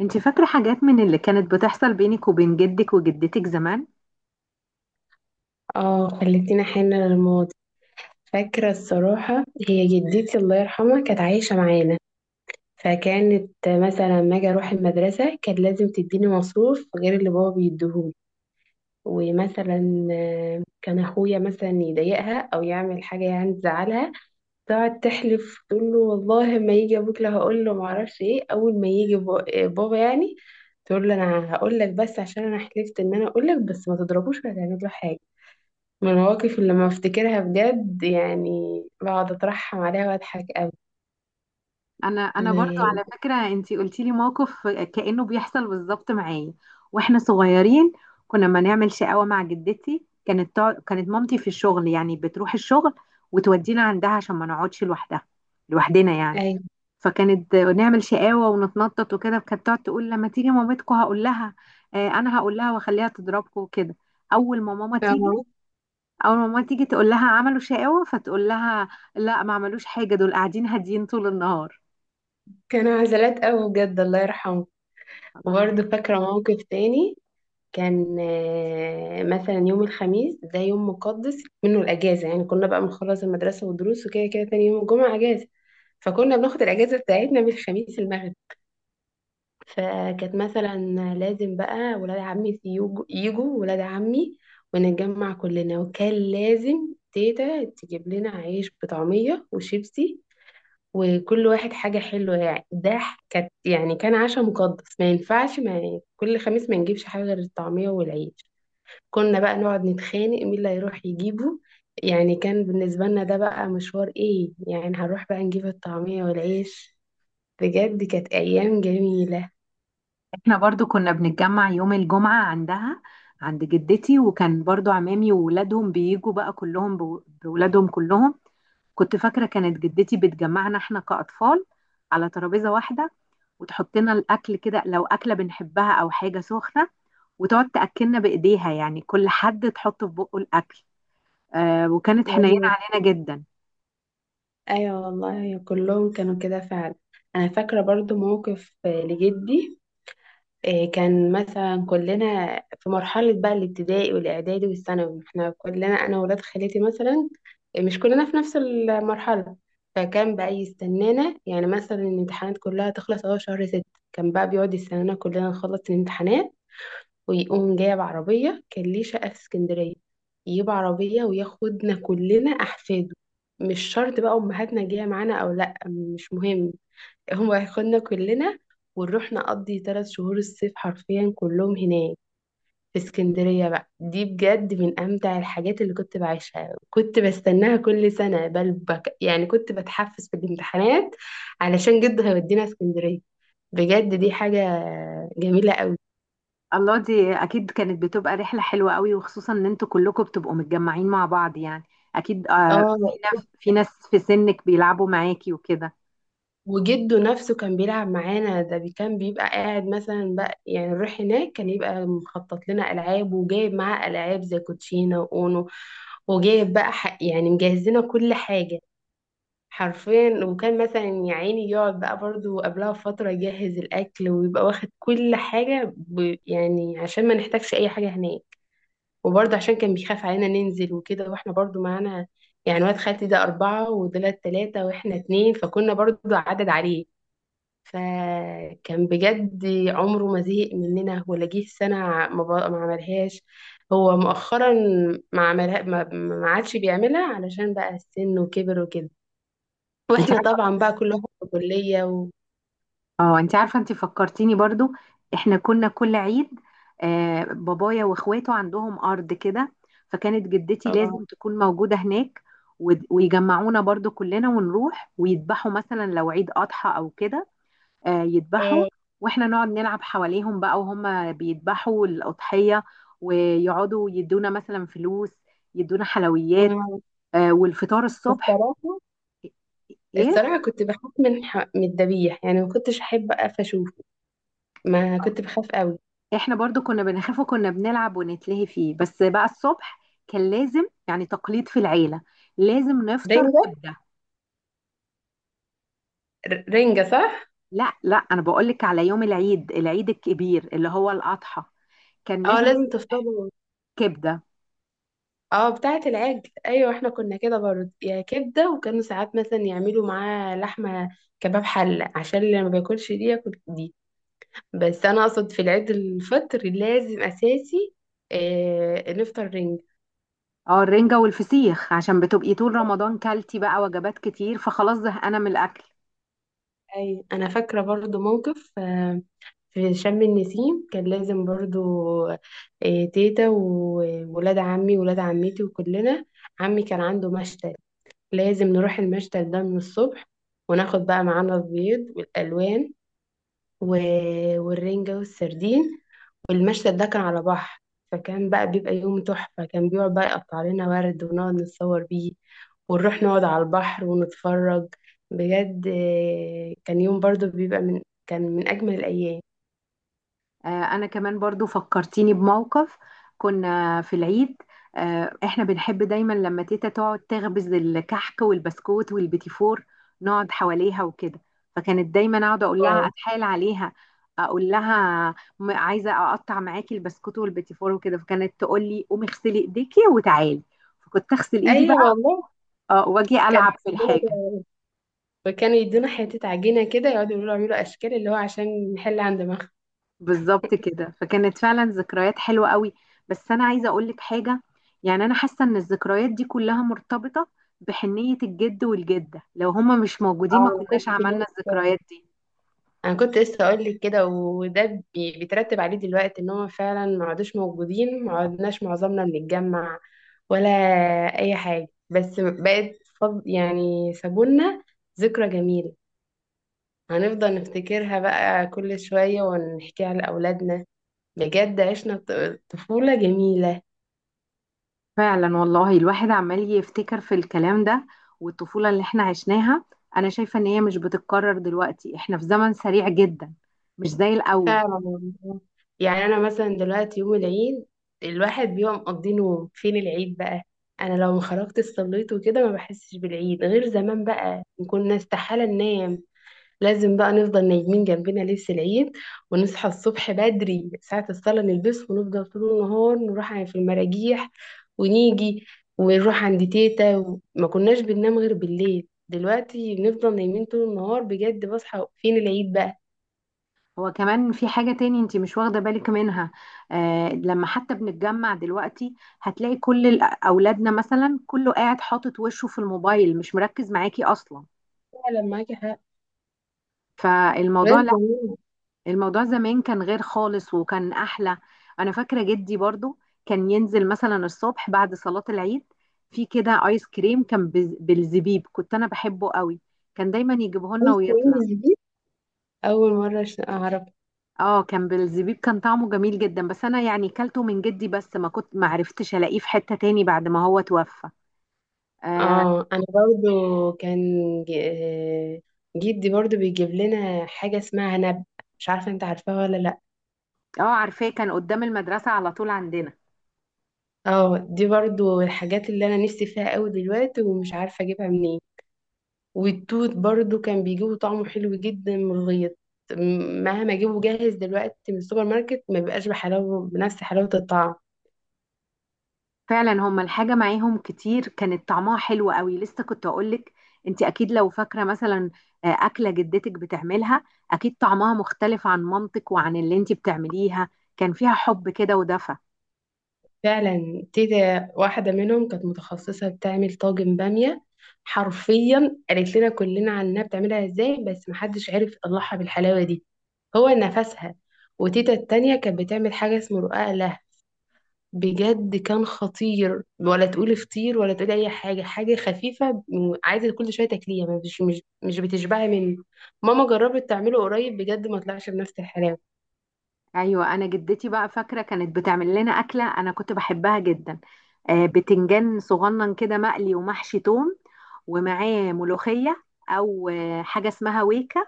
انت فاكرة حاجات من اللي كانت بتحصل بينك وبين جدك وجدتك زمان؟ اه، خليتينا حنة للماضي. فاكرة الصراحة. هي جدتي الله يرحمها كانت عايشة معانا. فكانت مثلا ما اجي اروح المدرسة كانت لازم تديني مصروف غير اللي بابا بيديهولي. ومثلا كان اخويا مثلا يضايقها او يعمل حاجة يعني تزعلها. تقعد تحلف تقول له والله ما يجي ابوك، لا هقول له ما اعرفش ايه اول ما يجي بابا يعني. تقول له انا هقول لك بس عشان انا حلفت ان انا اقول لك، بس ما تضربوش ولا تعمل له حاجة. من المواقف اللي لما افتكرها بجد يعني بقعد اترحم عليها واضحك قوي. انا برضو على و فكرة انت قلتي لي موقف كأنه بيحصل بالظبط معايا واحنا صغيرين. كنا ما نعمل شقاوة مع جدتي، كانت كانت مامتي في الشغل، يعني بتروح الشغل وتودينا عندها عشان ما نقعدش لوحدها، لوحدنا يعني. اي. فكانت نعمل شقاوة ونتنطط وكده، كانت تقعد تقول لما تيجي مامتكم هقول لها، انا هقول لها واخليها تضربكم وكده. اول ما ماما تيجي، آه، اول ما ماما تيجي تقول لها عملوا شقاوة، فتقول لها لا ما عملوش حاجة، دول قاعدين هاديين طول النهار. كانوا عزلات قوي بجد الله يرحمه. الله يرحمها. وبرضه فاكرة موقف تاني. كان مثلا يوم الخميس ده يوم مقدس منه الأجازة، يعني كنا بقى بنخلص المدرسة والدروس وكده كده تاني يوم الجمعة أجازة. فكنا بناخد الأجازة بتاعتنا من الخميس المغرب. فكانت مثلا لازم بقى ولاد عمي يجوا، ولاد عمي ونتجمع كلنا. وكان لازم تيتا تجيب لنا عيش بطعمية وشيبسي، وكل واحد حاجة حلوة يعني. ده كانت يعني كان عشاء مقدس ما ينفعش، ما يعني كل خميس ما نجيبش حاجة غير الطعمية والعيش. كنا بقى نقعد نتخانق مين اللي هيروح يجيبه. يعني كان بالنسبة لنا ده بقى مشوار، ايه يعني هنروح بقى نجيب الطعمية والعيش. بجد كانت أيام جميلة. احنا برضو كنا بنتجمع يوم الجمعة عندها، عند جدتي، وكان برضو عمامي وولادهم بيجوا بقى كلهم بولادهم كلهم. كنت فاكرة كانت جدتي بتجمعنا احنا كأطفال على ترابيزة واحدة، وتحط لنا الاكل كده لو اكله بنحبها او حاجه سخنه، وتقعد تاكلنا بايديها، يعني كل حد تحط في بقه الاكل. وكانت حنينه أيوة. علينا جدا. ايوه والله كلهم كانوا كده فعلا. انا فاكره برضو موقف لجدي. كان مثلا كلنا في مرحله بقى الابتدائي والاعدادي والثانوي. احنا كلنا انا وولاد خالتي مثلا مش كلنا في نفس المرحله. فكان بقى يستنانا، يعني مثلا الامتحانات كلها تخلص اهو شهر ست. كان بقى بيقعد يستنانا كلنا نخلص الامتحانات ويقوم جايب عربية. كان ليه شقة في اسكندرية، يجيب عربية وياخدنا كلنا أحفاده. مش شرط بقى أمهاتنا جاية معانا أو لأ، مش مهم، هو هياخدنا كلنا، ونروح نقضي ثلاث شهور الصيف حرفيا كلهم هناك في اسكندرية. بقى دي بجد من أمتع الحاجات اللي كنت بعيشها. كنت بستناها كل سنة بل بك، يعني كنت بتحفز في الامتحانات علشان جده هيودينا اسكندرية. بجد دي حاجة جميلة قوي. الله، دي اكيد كانت بتبقى رحله حلوه قوي، وخصوصا ان انتوا كلكم بتبقوا متجمعين مع بعض يعني. اكيد آه، اه. في ناس، في ناس في سنك بيلعبوا معاكي وكده. وجده نفسه كان بيلعب معانا. ده كان بيبقى قاعد مثلا بقى يعني نروح هناك، كان يبقى مخطط لنا ألعاب، وجايب معاه ألعاب زي كوتشينة وأونو. وجايب بقى يعني مجهز لنا كل حاجة حرفيا. وكان مثلا يا عيني يقعد بقى برضو قبلها بفترة يجهز الأكل، ويبقى واخد كل حاجة يعني عشان ما نحتاجش أي حاجة هناك. وبرضه عشان كان بيخاف علينا ننزل وكده، واحنا برضه معانا، يعني واد خالتي ده أربعة ودولت تلاتة واحنا اتنين، فكنا برضه عدد عليه. فكان بجد عمره ما زهق مننا ولا جه سنة ما عملهاش. هو مؤخرا ما عملها، ما عادش بيعملها علشان بقى السن وكبر وكده. انت واحنا عارفه؟ طبعا بقى كل واحد في كلية اه انت عارفه، انت فكرتيني برضو. احنا كنا كل عيد، آه بابايا واخواته عندهم ارض كده، فكانت جدتي طبعا. لازم تكون موجوده هناك. ويجمعونا برضو كلنا ونروح ويذبحوا، مثلا لو عيد اضحى او كده، يذبحوا، آه، واحنا نقعد نلعب حواليهم بقى وهم بيذبحوا الأضحية، ويقعدوا يدونا مثلا فلوس، يدونا حلويات، آه، والفطار الصبح. الصراحة. ايه؟ الصراحة كنت بخاف من من الذبيح، يعني ما كنتش أحب أقف أشوفه. ما كنت بخاف قوي. احنا برضو كنا بنخاف، وكنا بنلعب ونتلهي فيه، بس بقى الصبح كان لازم، يعني تقليد في العيلة، لازم نفطر رنجة، كبدة. رنجة صح؟ لا لا، انا بقولك على يوم العيد، العيد الكبير اللي هو الأضحى، كان اه، لازم لازم الصبح تفضلوا. كبدة. اه بتاعة العجل، ايوه احنا كنا كده برضه يا كبدة. وكانوا ساعات مثلا يعملوا معاه لحمة كباب حلة عشان اللي ما بياكلش دي ياكل دي. بس انا اقصد في العيد الفطر لازم اساسي نفطر رنج. اه الرنجة والفسيخ عشان بتبقي طول رمضان كلتي بقى وجبات كتير، فخلاص زهقانة من الأكل. اي، انا فاكرة برضه موقف في شم النسيم كان لازم برضه تيتا وولاد عمي وولاد عمتي وكلنا. عمي كان عنده مشتل، لازم نروح المشتل ده من الصبح، وناخد بقى معانا البيض والألوان و... والرنجة والسردين. والمشهد ده كان على بحر، فكان بقى بيبقى يوم تحفة. كان بيقعد بقى يقطع لنا ورد ونقعد نتصور بيه، ونروح نقعد على البحر ونتفرج. بجد كان يوم برضو بيبقى من كان من أجمل الأيام. أنا كمان برضو فكرتيني بموقف. كنا في العيد، آه احنا بنحب دايما لما تيتا تقعد تخبز الكحك والبسكوت والبيتيفور، نقعد حواليها وكده. فكانت دايما اقعد اقول لها، اه. اتحايل عليها، اقول لها عايزه اقطع معاكي البسكوت والبيتيفور وكده، فكانت تقول لي قومي اغسلي ايديكي وتعالي. فكنت اغسل ايدي أيوة بقى، والله. اه، واجي كان العب في بيدينا الحاجه. وكانوا يدونا حتة عجينة كده، يقعدوا يقولوا اعملوا أشكال، اللي هو عشان نحل عند مخ. بالظبط كده، فكانت فعلا ذكريات حلوة قوي. بس أنا عايزة أقولك حاجة، يعني أنا حاسة إن الذكريات دي كلها مرتبطة بحنية الجد والجدة، لو هما مش موجودين ما انا كنت كناش عملنا الذكريات جبت. دي. انا كنت لسه اقول لك كده، وده بيترتب عليه دلوقتي ان هم فعلا ما عادوش موجودين، ما عدناش معظمنا بنتجمع ولا اي حاجه. بس بقت فض يعني، سابولنا ذكرى جميله هنفضل نفتكرها بقى كل شويه ونحكيها لاولادنا. بجد عشنا طفوله جميله. فعلا والله، الواحد عمال يفتكر في الكلام ده، والطفولة اللي احنا عشناها. أنا شايفة إن هي مش بتتكرر دلوقتي، احنا في زمن سريع جدا، مش زي الأول. فعلا والله. يعني انا مثلا دلوقتي يوم العيد الواحد بيبقى مقضي نوم، فين العيد بقى؟ انا لو ما خرجت الصليت وكده ما بحسش بالعيد. غير زمان بقى كنا استحالة ننام، لازم بقى نفضل نايمين جنبنا لبس العيد، ونصحى الصبح بدري ساعة الصلاة نلبس، ونفضل طول النهار نروح في المراجيح ونيجي ونروح عند تيتا. ما كناش بننام غير بالليل. دلوقتي بنفضل نايمين طول النهار، بجد بصحى فين العيد بقى؟ هو كمان في حاجة تاني انت مش واخدة بالك منها، آه، لما حتى بنتجمع دلوقتي هتلاقي كل أولادنا مثلا كله قاعد حاطط وشه في الموبايل، مش مركز معاكي أصلا. فعلا معاكي حق. فالموضوع غير لا، زمان. الموضوع زمان كان غير خالص وكان أحلى. أنا فاكرة جدي برضو كان ينزل مثلا الصبح بعد صلاة العيد، في كده آيس كريم كان بالزبيب، كنت أنا بحبه قوي، كان دايما يجيبه لنا أوي ويطلع. سترينجز دي أول مرة أعرف. اه كان بالزبيب، كان طعمه جميل جدا، بس انا يعني كلته من جدي بس، ما كنت، ما عرفتش الاقيه في حتة تاني بعد ما هو توفى، اه. اه أنا برضو كان ج- آه، جدي برضو بيجيب لنا حاجة اسمها نب. مش عارفة أنت عارفاها ولا لأ؟ عارفاه، كان قدام المدرسة على طول عندنا. اه دي برضو الحاجات اللي أنا نفسي فيها أوي دلوقتي ومش عارفة أجيبها منين. والتوت برضو كان بيجيبه طعمه حلو جدا من الغيط. مهما أجيبه جاهز دلوقتي من السوبر ماركت ما بيبقاش بحلاوة، بنفس حلاوة الطعم. فعلا هما الحاجة معاهم كتير كانت طعمها حلو قوي. لسه كنت اقولك، انت اكيد لو فاكرة مثلا اكلة جدتك بتعملها، اكيد طعمها مختلف عن مامتك وعن اللي انت بتعمليها، كان فيها حب كده ودفى. فعلا تيتا واحدة منهم كانت متخصصة بتعمل طاجن بامية. حرفيا قالت لنا كلنا عنها بتعملها ازاي، بس محدش عرف يطلعها بالحلاوة دي هو نفسها. وتيتا التانية كانت بتعمل حاجة اسمه رقاق له. بجد كان خطير، ولا تقولي فطير ولا تقولي اي حاجة. حاجة خفيفة عايزة كل شوية تاكليها، مش بتشبعي منه. ماما جربت تعمله قريب بجد ما طلعش بنفس الحلاوة. ايوه، انا جدتي بقى فاكره كانت بتعمل لنا اكله انا كنت بحبها جدا، بتنجان صغنن كده مقلي ومحشي توم، ومعاه ملوخيه، او حاجه اسمها ويكا،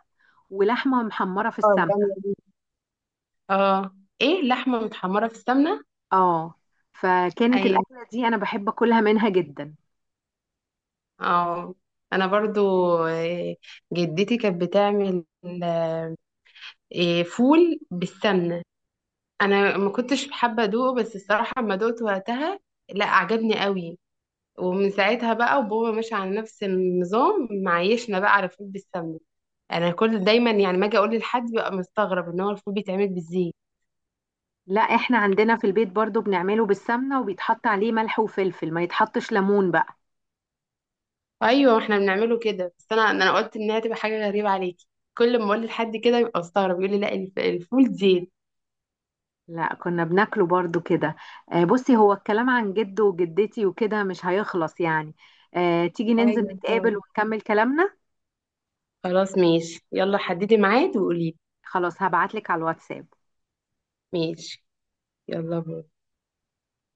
ولحمه محمره في اه السمنه. البامية دي. اه، ايه، لحمة متحمرة في السمنة. اه فكانت اي. الاكله دي انا بحب اكلها منها جدا. اه. انا برضو جدتي كانت بتعمل آه، فول بالسمنه. انا ما كنتش حابه ادوقه، بس الصراحه لما دقته وقتها لا عجبني قوي. ومن ساعتها بقى وبابا ماشي على نفس النظام، معيشنا بقى على فول بالسمنه. انا كل دايما يعني ما اجي اقول لحد بقى مستغرب ان هو الفول بيتعمل بالزيت. لا احنا عندنا في البيت برضو بنعمله بالسمنه، وبيتحط عليه ملح وفلفل، ما يتحطش ليمون بقى. ايوه احنا بنعمله كده. بس انا قلت انها تبقى حاجه غريبه عليكي. كل ما اقول لحد كده يبقى مستغرب يقول لي لا، الفول زيت. لا كنا بناكله برضو كده. بصي، هو الكلام عن جده وجدتي وكده مش هيخلص يعني، تيجي ننزل ايوه فعلا. نتقابل ونكمل كلامنا. خلاص ماشي، يلا حددي ميعاد وقولي. خلاص هبعتلك على الواتساب. ماشي، يلا باي.